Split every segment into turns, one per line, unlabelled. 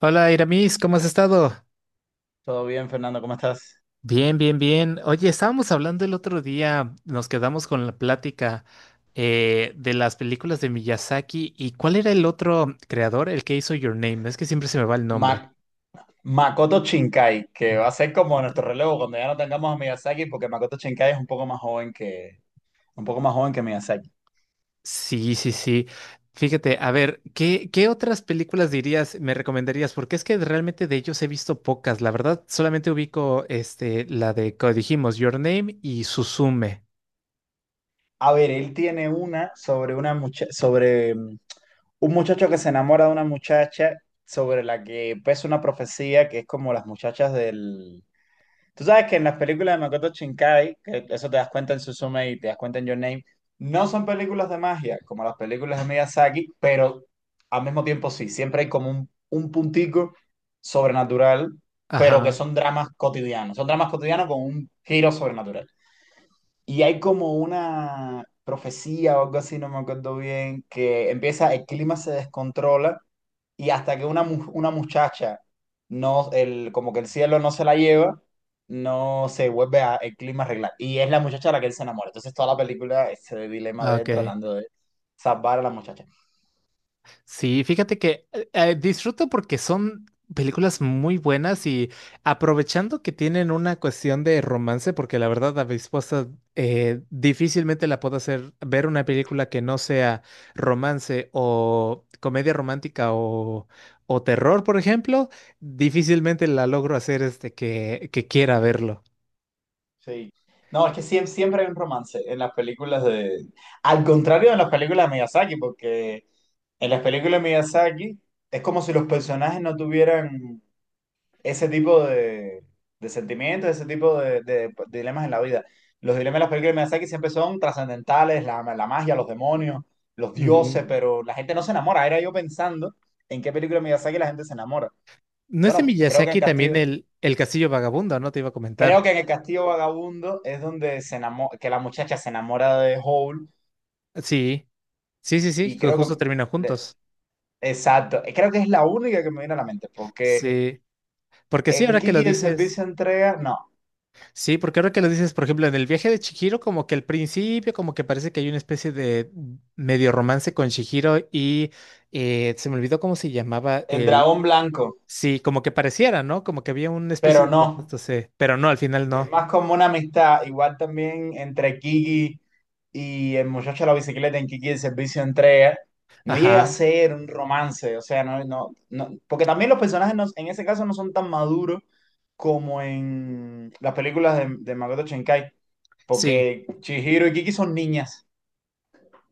Hola, Iramis, ¿cómo has estado?
Todo bien, Fernando, ¿cómo estás?
Bien, bien, bien. Oye, estábamos hablando el otro día, nos quedamos con la plática de las películas de Miyazaki y ¿cuál era el otro creador, el que hizo Your Name? Es que siempre se me va el nombre.
Ma- Makoto Shinkai, que va a ser como nuestro
Makoto.
relevo cuando ya no tengamos a Miyazaki, porque Makoto Shinkai es un poco más joven un poco más joven que Miyazaki.
Sí, sí, sí. Fíjate, a ver, ¿qué otras películas dirías, me recomendarías? Porque es que realmente de ellos he visto pocas. La verdad, solamente ubico este, la de, como dijimos, Your Name y Suzume.
A ver, él tiene una sobre un muchacho que se enamora de una muchacha sobre la que pesa una profecía que es como las muchachas del. Tú sabes que en las películas de Makoto Shinkai, que eso te das cuenta en Suzume y te das cuenta en Your Name, no son películas de magia como las películas de Miyazaki, pero al mismo tiempo sí, siempre hay como un puntico sobrenatural, pero que
Ajá.
son dramas cotidianos con un giro sobrenatural. Y hay como una profecía o algo así, no me acuerdo bien, que empieza, el clima se descontrola y hasta que una muchacha, no, el, como que el cielo no se la lleva, no se vuelve a, el clima a arreglar. Y es la muchacha a la que él se enamora. Entonces toda la película es el dilema
Ah,
de él
ok.
tratando de salvar a la muchacha.
Sí, fíjate que disfruto porque son películas muy buenas y aprovechando que tienen una cuestión de romance, porque la verdad a mi esposa difícilmente la puedo hacer ver una película que no sea romance o comedia romántica o terror, por ejemplo, difícilmente la logro hacer este que quiera verlo.
Sí. No, es que siempre, siempre hay un romance en las películas de... Al contrario de las películas de Miyazaki, porque en las películas de Miyazaki es como si los personajes no tuvieran ese tipo de sentimientos, ese tipo de, de dilemas en la vida. Los dilemas de las películas de Miyazaki siempre son trascendentales, la magia, los demonios, los
Ujú.
dioses, pero la gente no se enamora. Era yo pensando en qué película de Miyazaki la gente se enamora.
¿No es de
Bueno, creo que en
Miyazaki también
Castillo,
el Castillo Vagabundo, no? Te iba a
creo que
comentar.
en el Castillo Vagabundo es donde que la muchacha se enamora de Hole,
Sí, sí, sí, sí,
y
que
creo
justo
que,
terminan
le-
juntos.
exacto, creo que es la única que me viene a la mente, porque
Sí, porque sí,
en
ahora que lo
Kiki el
dices,
servicio de entrega, no,
sí, porque ahora que lo dices, por ejemplo, en el viaje de Chihiro, como que al principio, como que parece que hay una especie de medio romance con Chihiro y se me olvidó cómo se llamaba
el
el,
dragón blanco,
sí, como que pareciera, ¿no? Como que había una especie
pero
de
no.
romance, sí, pero no, al final
Es
no.
más como una amistad, igual también entre Kiki y el muchacho de la bicicleta en Kiki, el servicio de entrega, no llega a
Ajá,
ser un romance, o sea, no, no, no, porque también los personajes en ese caso no son tan maduros como en las películas de Makoto Shinkai,
sí.
porque Chihiro y Kiki son niñas.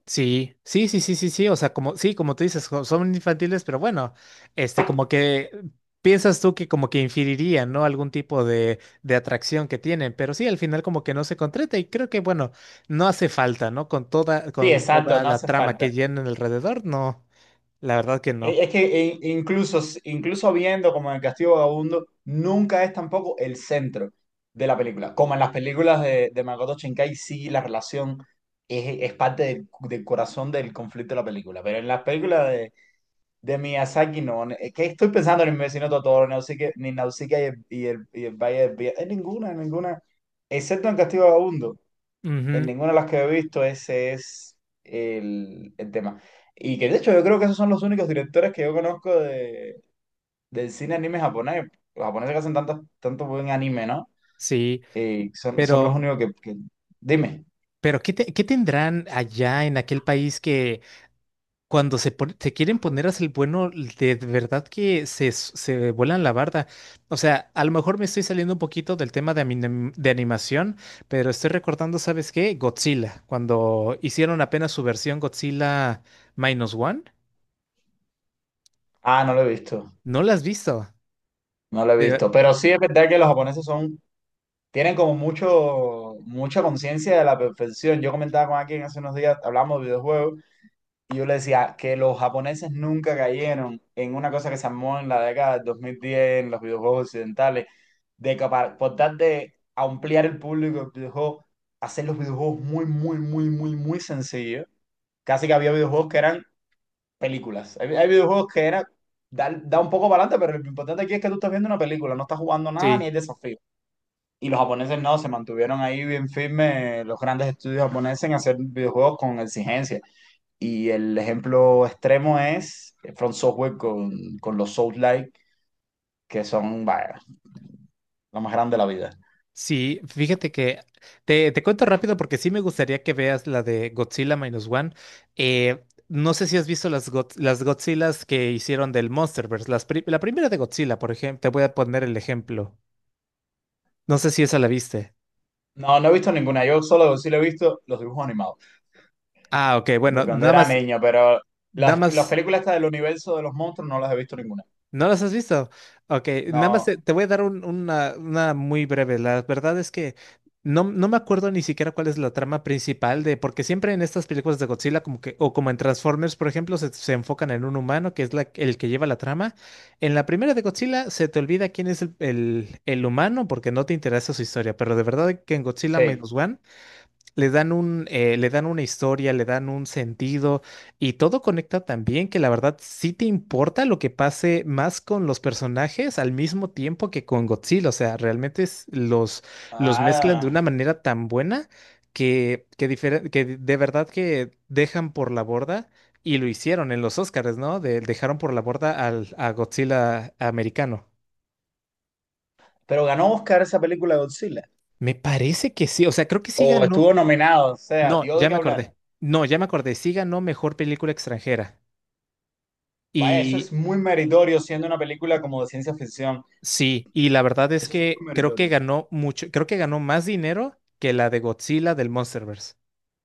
Sí, sí, sí, sí, sí, sí, o sea, como, sí, como tú dices, son infantiles, pero bueno, este, como que piensas tú que como que inferirían, ¿no? Algún tipo de atracción que tienen, pero sí, al final como que no se concreta y creo que, bueno, no hace falta, ¿no?
Sí,
Con
exacto,
toda
no
la
hace
trama que
falta.
llenan alrededor, no, la verdad que no.
Es que incluso, incluso viendo como en el Castillo Vagabundo, nunca es tampoco el centro de la película. Como en las películas de Makoto Shinkai, sí, la relación es parte del, del corazón del conflicto de la película. Pero en las películas de Miyazaki, no. Es que estoy pensando en el vecino Totoro, ni Nausicaa y el, y el, y el Valle del Viento. En ninguna, en ninguna. Excepto en Castillo Vagabundo. En
Ujú,
ninguna de las que he visto ese es el tema. Y que de hecho yo creo que esos son los únicos directores que yo conozco de, del cine anime japonés. Los japoneses que hacen tanto, tanto buen anime, ¿no?
sí,
Y son, son los
pero,
únicos Dime.
pero ¿qué tendrán allá en aquel país cuando se, se quieren poner a ser el bueno, de verdad que se, se vuelan la barda. O sea, a lo mejor me estoy saliendo un poquito del tema de, de animación, pero estoy recordando, ¿sabes qué? Godzilla, cuando hicieron apenas su versión Godzilla Minus One,
Ah, no lo he visto.
¿no la has visto?
No lo he
De ver-
visto. Pero sí es verdad que los japoneses son... Tienen como mucho, mucha conciencia de la perfección. Yo comentaba con alguien hace unos días, hablamos de videojuegos. Y yo le decía que los japoneses nunca cayeron en una cosa que se armó en la década del 2010 en los videojuegos occidentales, de que por tal de ampliar el público del videojuego, hacer los videojuegos muy, muy, muy, muy, muy sencillos. Casi que había videojuegos que eran películas. Hay videojuegos que era, da, da un poco para adelante, pero lo importante aquí es que tú estás viendo una película, no estás jugando nada ni
Sí.
hay desafío. Y los japoneses no, se mantuvieron ahí bien firmes, los grandes estudios japoneses en hacer videojuegos con exigencia. Y el ejemplo extremo es Front Software con los Souls-like, que son, vaya, lo más grande de la vida.
Sí, fíjate que te cuento rápido porque sí me gustaría que veas la de Godzilla Minus One. No sé si has visto las, las Godzillas que hicieron del Monsterverse. La primera de Godzilla, por ejemplo, te voy a poner el ejemplo. No sé si esa la viste.
No, no he visto ninguna. Yo solo sí lo he visto los dibujos animados,
Ah, ok,
de
bueno,
cuando
nada
era
más,
niño, pero
nada
las
más.
películas estas del universo de los monstruos no las he visto ninguna.
¿No las has visto? Ok, nada más te,
No,
te voy a dar una muy breve. La verdad es que no, no me acuerdo ni siquiera cuál es la trama principal de, porque siempre en estas películas de Godzilla, como que, o como en Transformers, por ejemplo, se enfocan en un humano que es el que lleva la trama. En la primera de Godzilla se te olvida quién es el, el humano porque no te interesa su historia, pero de verdad que en Godzilla
sí.
Minus One. Le dan un, le dan una historia, le dan un sentido y todo conecta también que la verdad sí te importa lo que pase más con los personajes al mismo tiempo que con Godzilla. O sea, los mezclan de
Ah,
una manera tan buena que de verdad que dejan por la borda y lo hicieron en los Oscars, ¿no? Dejaron por la borda al, a Godzilla americano.
pero ganó Oscar esa película de Godzilla.
Me parece que sí, o sea, creo que sí
O
ganó.
estuvo nominado, o sea,
No,
dio de
ya
qué
me
hablar.
acordé. No, ya me acordé. Sí ganó mejor película extranjera.
Vaya, eso
Y
es muy meritorio siendo una película como de ciencia ficción.
sí, y la verdad es
Eso es
que
muy
creo que
meritorio.
ganó mucho, creo que ganó más dinero que la de Godzilla del Monsterverse.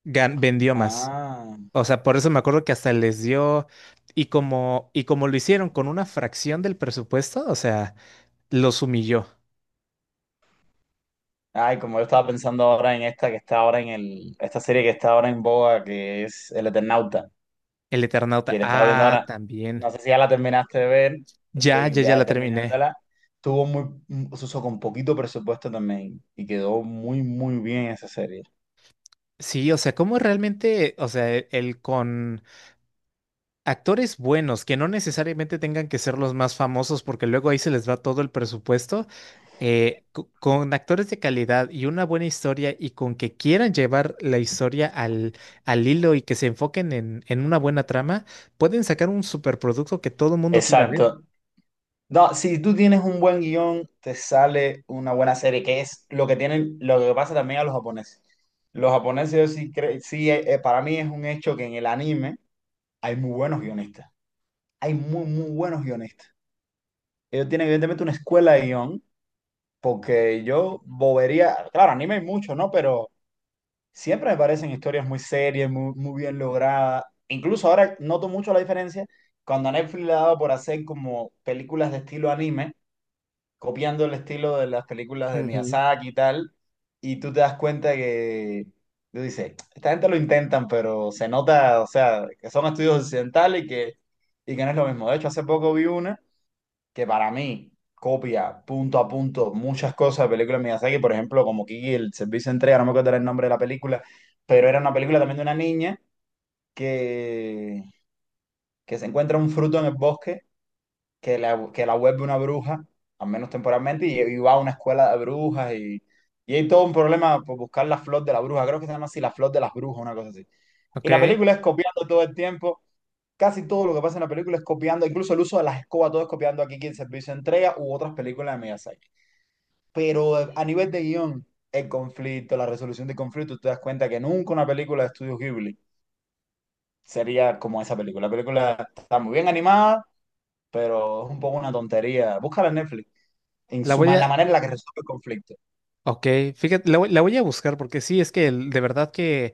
Vendió más.
Ah,
O sea, por eso me acuerdo que hasta les dio y como lo hicieron con una fracción del presupuesto, o sea, los humilló.
ay, como yo estaba pensando ahora en esta que está ahora en el, esta serie que está ahora en boga, que es El Eternauta,
El Eternauta,
que la estaba viendo
ah,
ahora.
también.
No sé si ya la terminaste de ver,
Ya,
estoy
ya, ya
ya
la terminé.
terminándola. Tuvo muy, se usó con poquito presupuesto también y quedó muy, muy bien esa serie.
Sí, o sea, cómo realmente, o sea, el con actores buenos, que no necesariamente tengan que ser los más famosos, porque luego ahí se les va todo el presupuesto, con actores de calidad y una buena historia y con que quieran llevar la historia al, al hilo y que se enfoquen en una buena trama, pueden sacar un superproducto que todo el mundo quiera ver.
Exacto. No, si tú tienes un buen guión, te sale una buena serie, que es lo que tienen, lo que pasa también a los japoneses. Los japoneses, yo sí, para mí es un hecho que en el anime hay muy buenos guionistas. Hay muy, muy buenos guionistas. Ellos tienen evidentemente una escuela de guión, porque yo bobería, claro, anime hay mucho, ¿no? Pero siempre me parecen historias muy serias, muy, muy bien logradas. Incluso ahora noto mucho la diferencia cuando a Netflix le ha dado por hacer como películas de estilo anime, copiando el estilo de las películas de
Ujú.
Miyazaki y tal, y tú te das cuenta que, tú dices, esta gente lo intentan, pero se nota, o sea, que son estudios occidentales y que no es lo mismo. De hecho, hace poco vi una que para mí copia punto a punto muchas cosas de películas de Miyazaki, por ejemplo, como Kiki, el servicio de entrega, no me acuerdo el nombre de la película, pero era una película también de una niña que, que se encuentra un fruto en el bosque que que la vuelve una bruja, al menos temporalmente, y va a una escuela de brujas y hay todo un problema por buscar la flor de la bruja, creo que se llama así, la flor de las brujas, una cosa así. Y
Ok,
la película es copiando todo el tiempo. Casi todo lo que pasa en la película es copiando, incluso el uso de las escobas, todo es copiando aquí Kiki, el servicio de entrega u otras películas de Miyazaki. Pero a nivel de guión, el conflicto, la resolución de conflicto, tú te das cuenta que nunca una película de Estudio Ghibli sería como esa película. La película está muy bien animada, pero es un poco una tontería. Búscala en Netflix. En
la voy
la
a,
manera en la que resuelve el conflicto.
ok, fíjate, la voy a buscar porque sí, es que de verdad que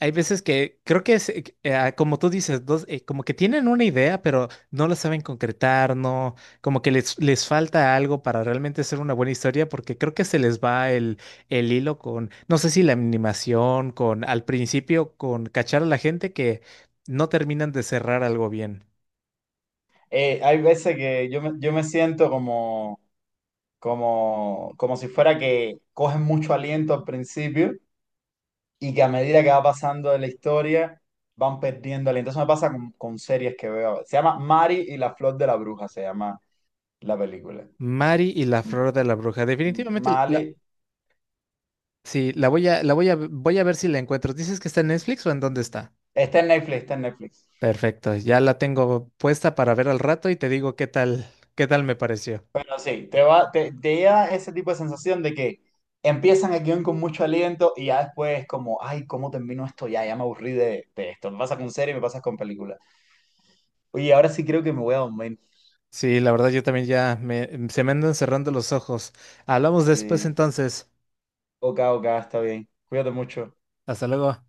hay veces que creo que es, como tú dices, dos, como que tienen una idea, pero no la saben concretar, no, como que les falta algo para realmente ser una buena historia, porque creo que se les va el hilo con, no sé si la animación, con al principio, con cachar a la gente que no terminan de cerrar algo bien.
Hay veces que yo me siento como como si fuera que cogen mucho aliento al principio y que a medida que va pasando de la historia van perdiendo aliento. Eso me pasa con series que veo. Se llama Mari y la flor de la bruja, se llama la película.
Mari y la
M-
flor de la bruja. Definitivamente la,
Mali.
sí, la voy a, voy a ver si la encuentro. ¿Dices que está en Netflix o en dónde está?
Está en Netflix, está en Netflix.
Perfecto, ya la tengo puesta para ver al rato y te digo qué tal me pareció.
Pero sí, te da ese tipo de sensación de que empiezan el guión con mucho aliento y ya después como, ay, ¿cómo termino esto? Ya, ya me aburrí de esto. Me pasa con serie, me pasa con película. Oye, ahora sí creo que me voy a dormir.
Sí, la verdad yo también ya me, se me andan cerrando los ojos. Hablamos después
Sí.
entonces.
Ok, ok, está bien. Cuídate mucho.
Hasta luego.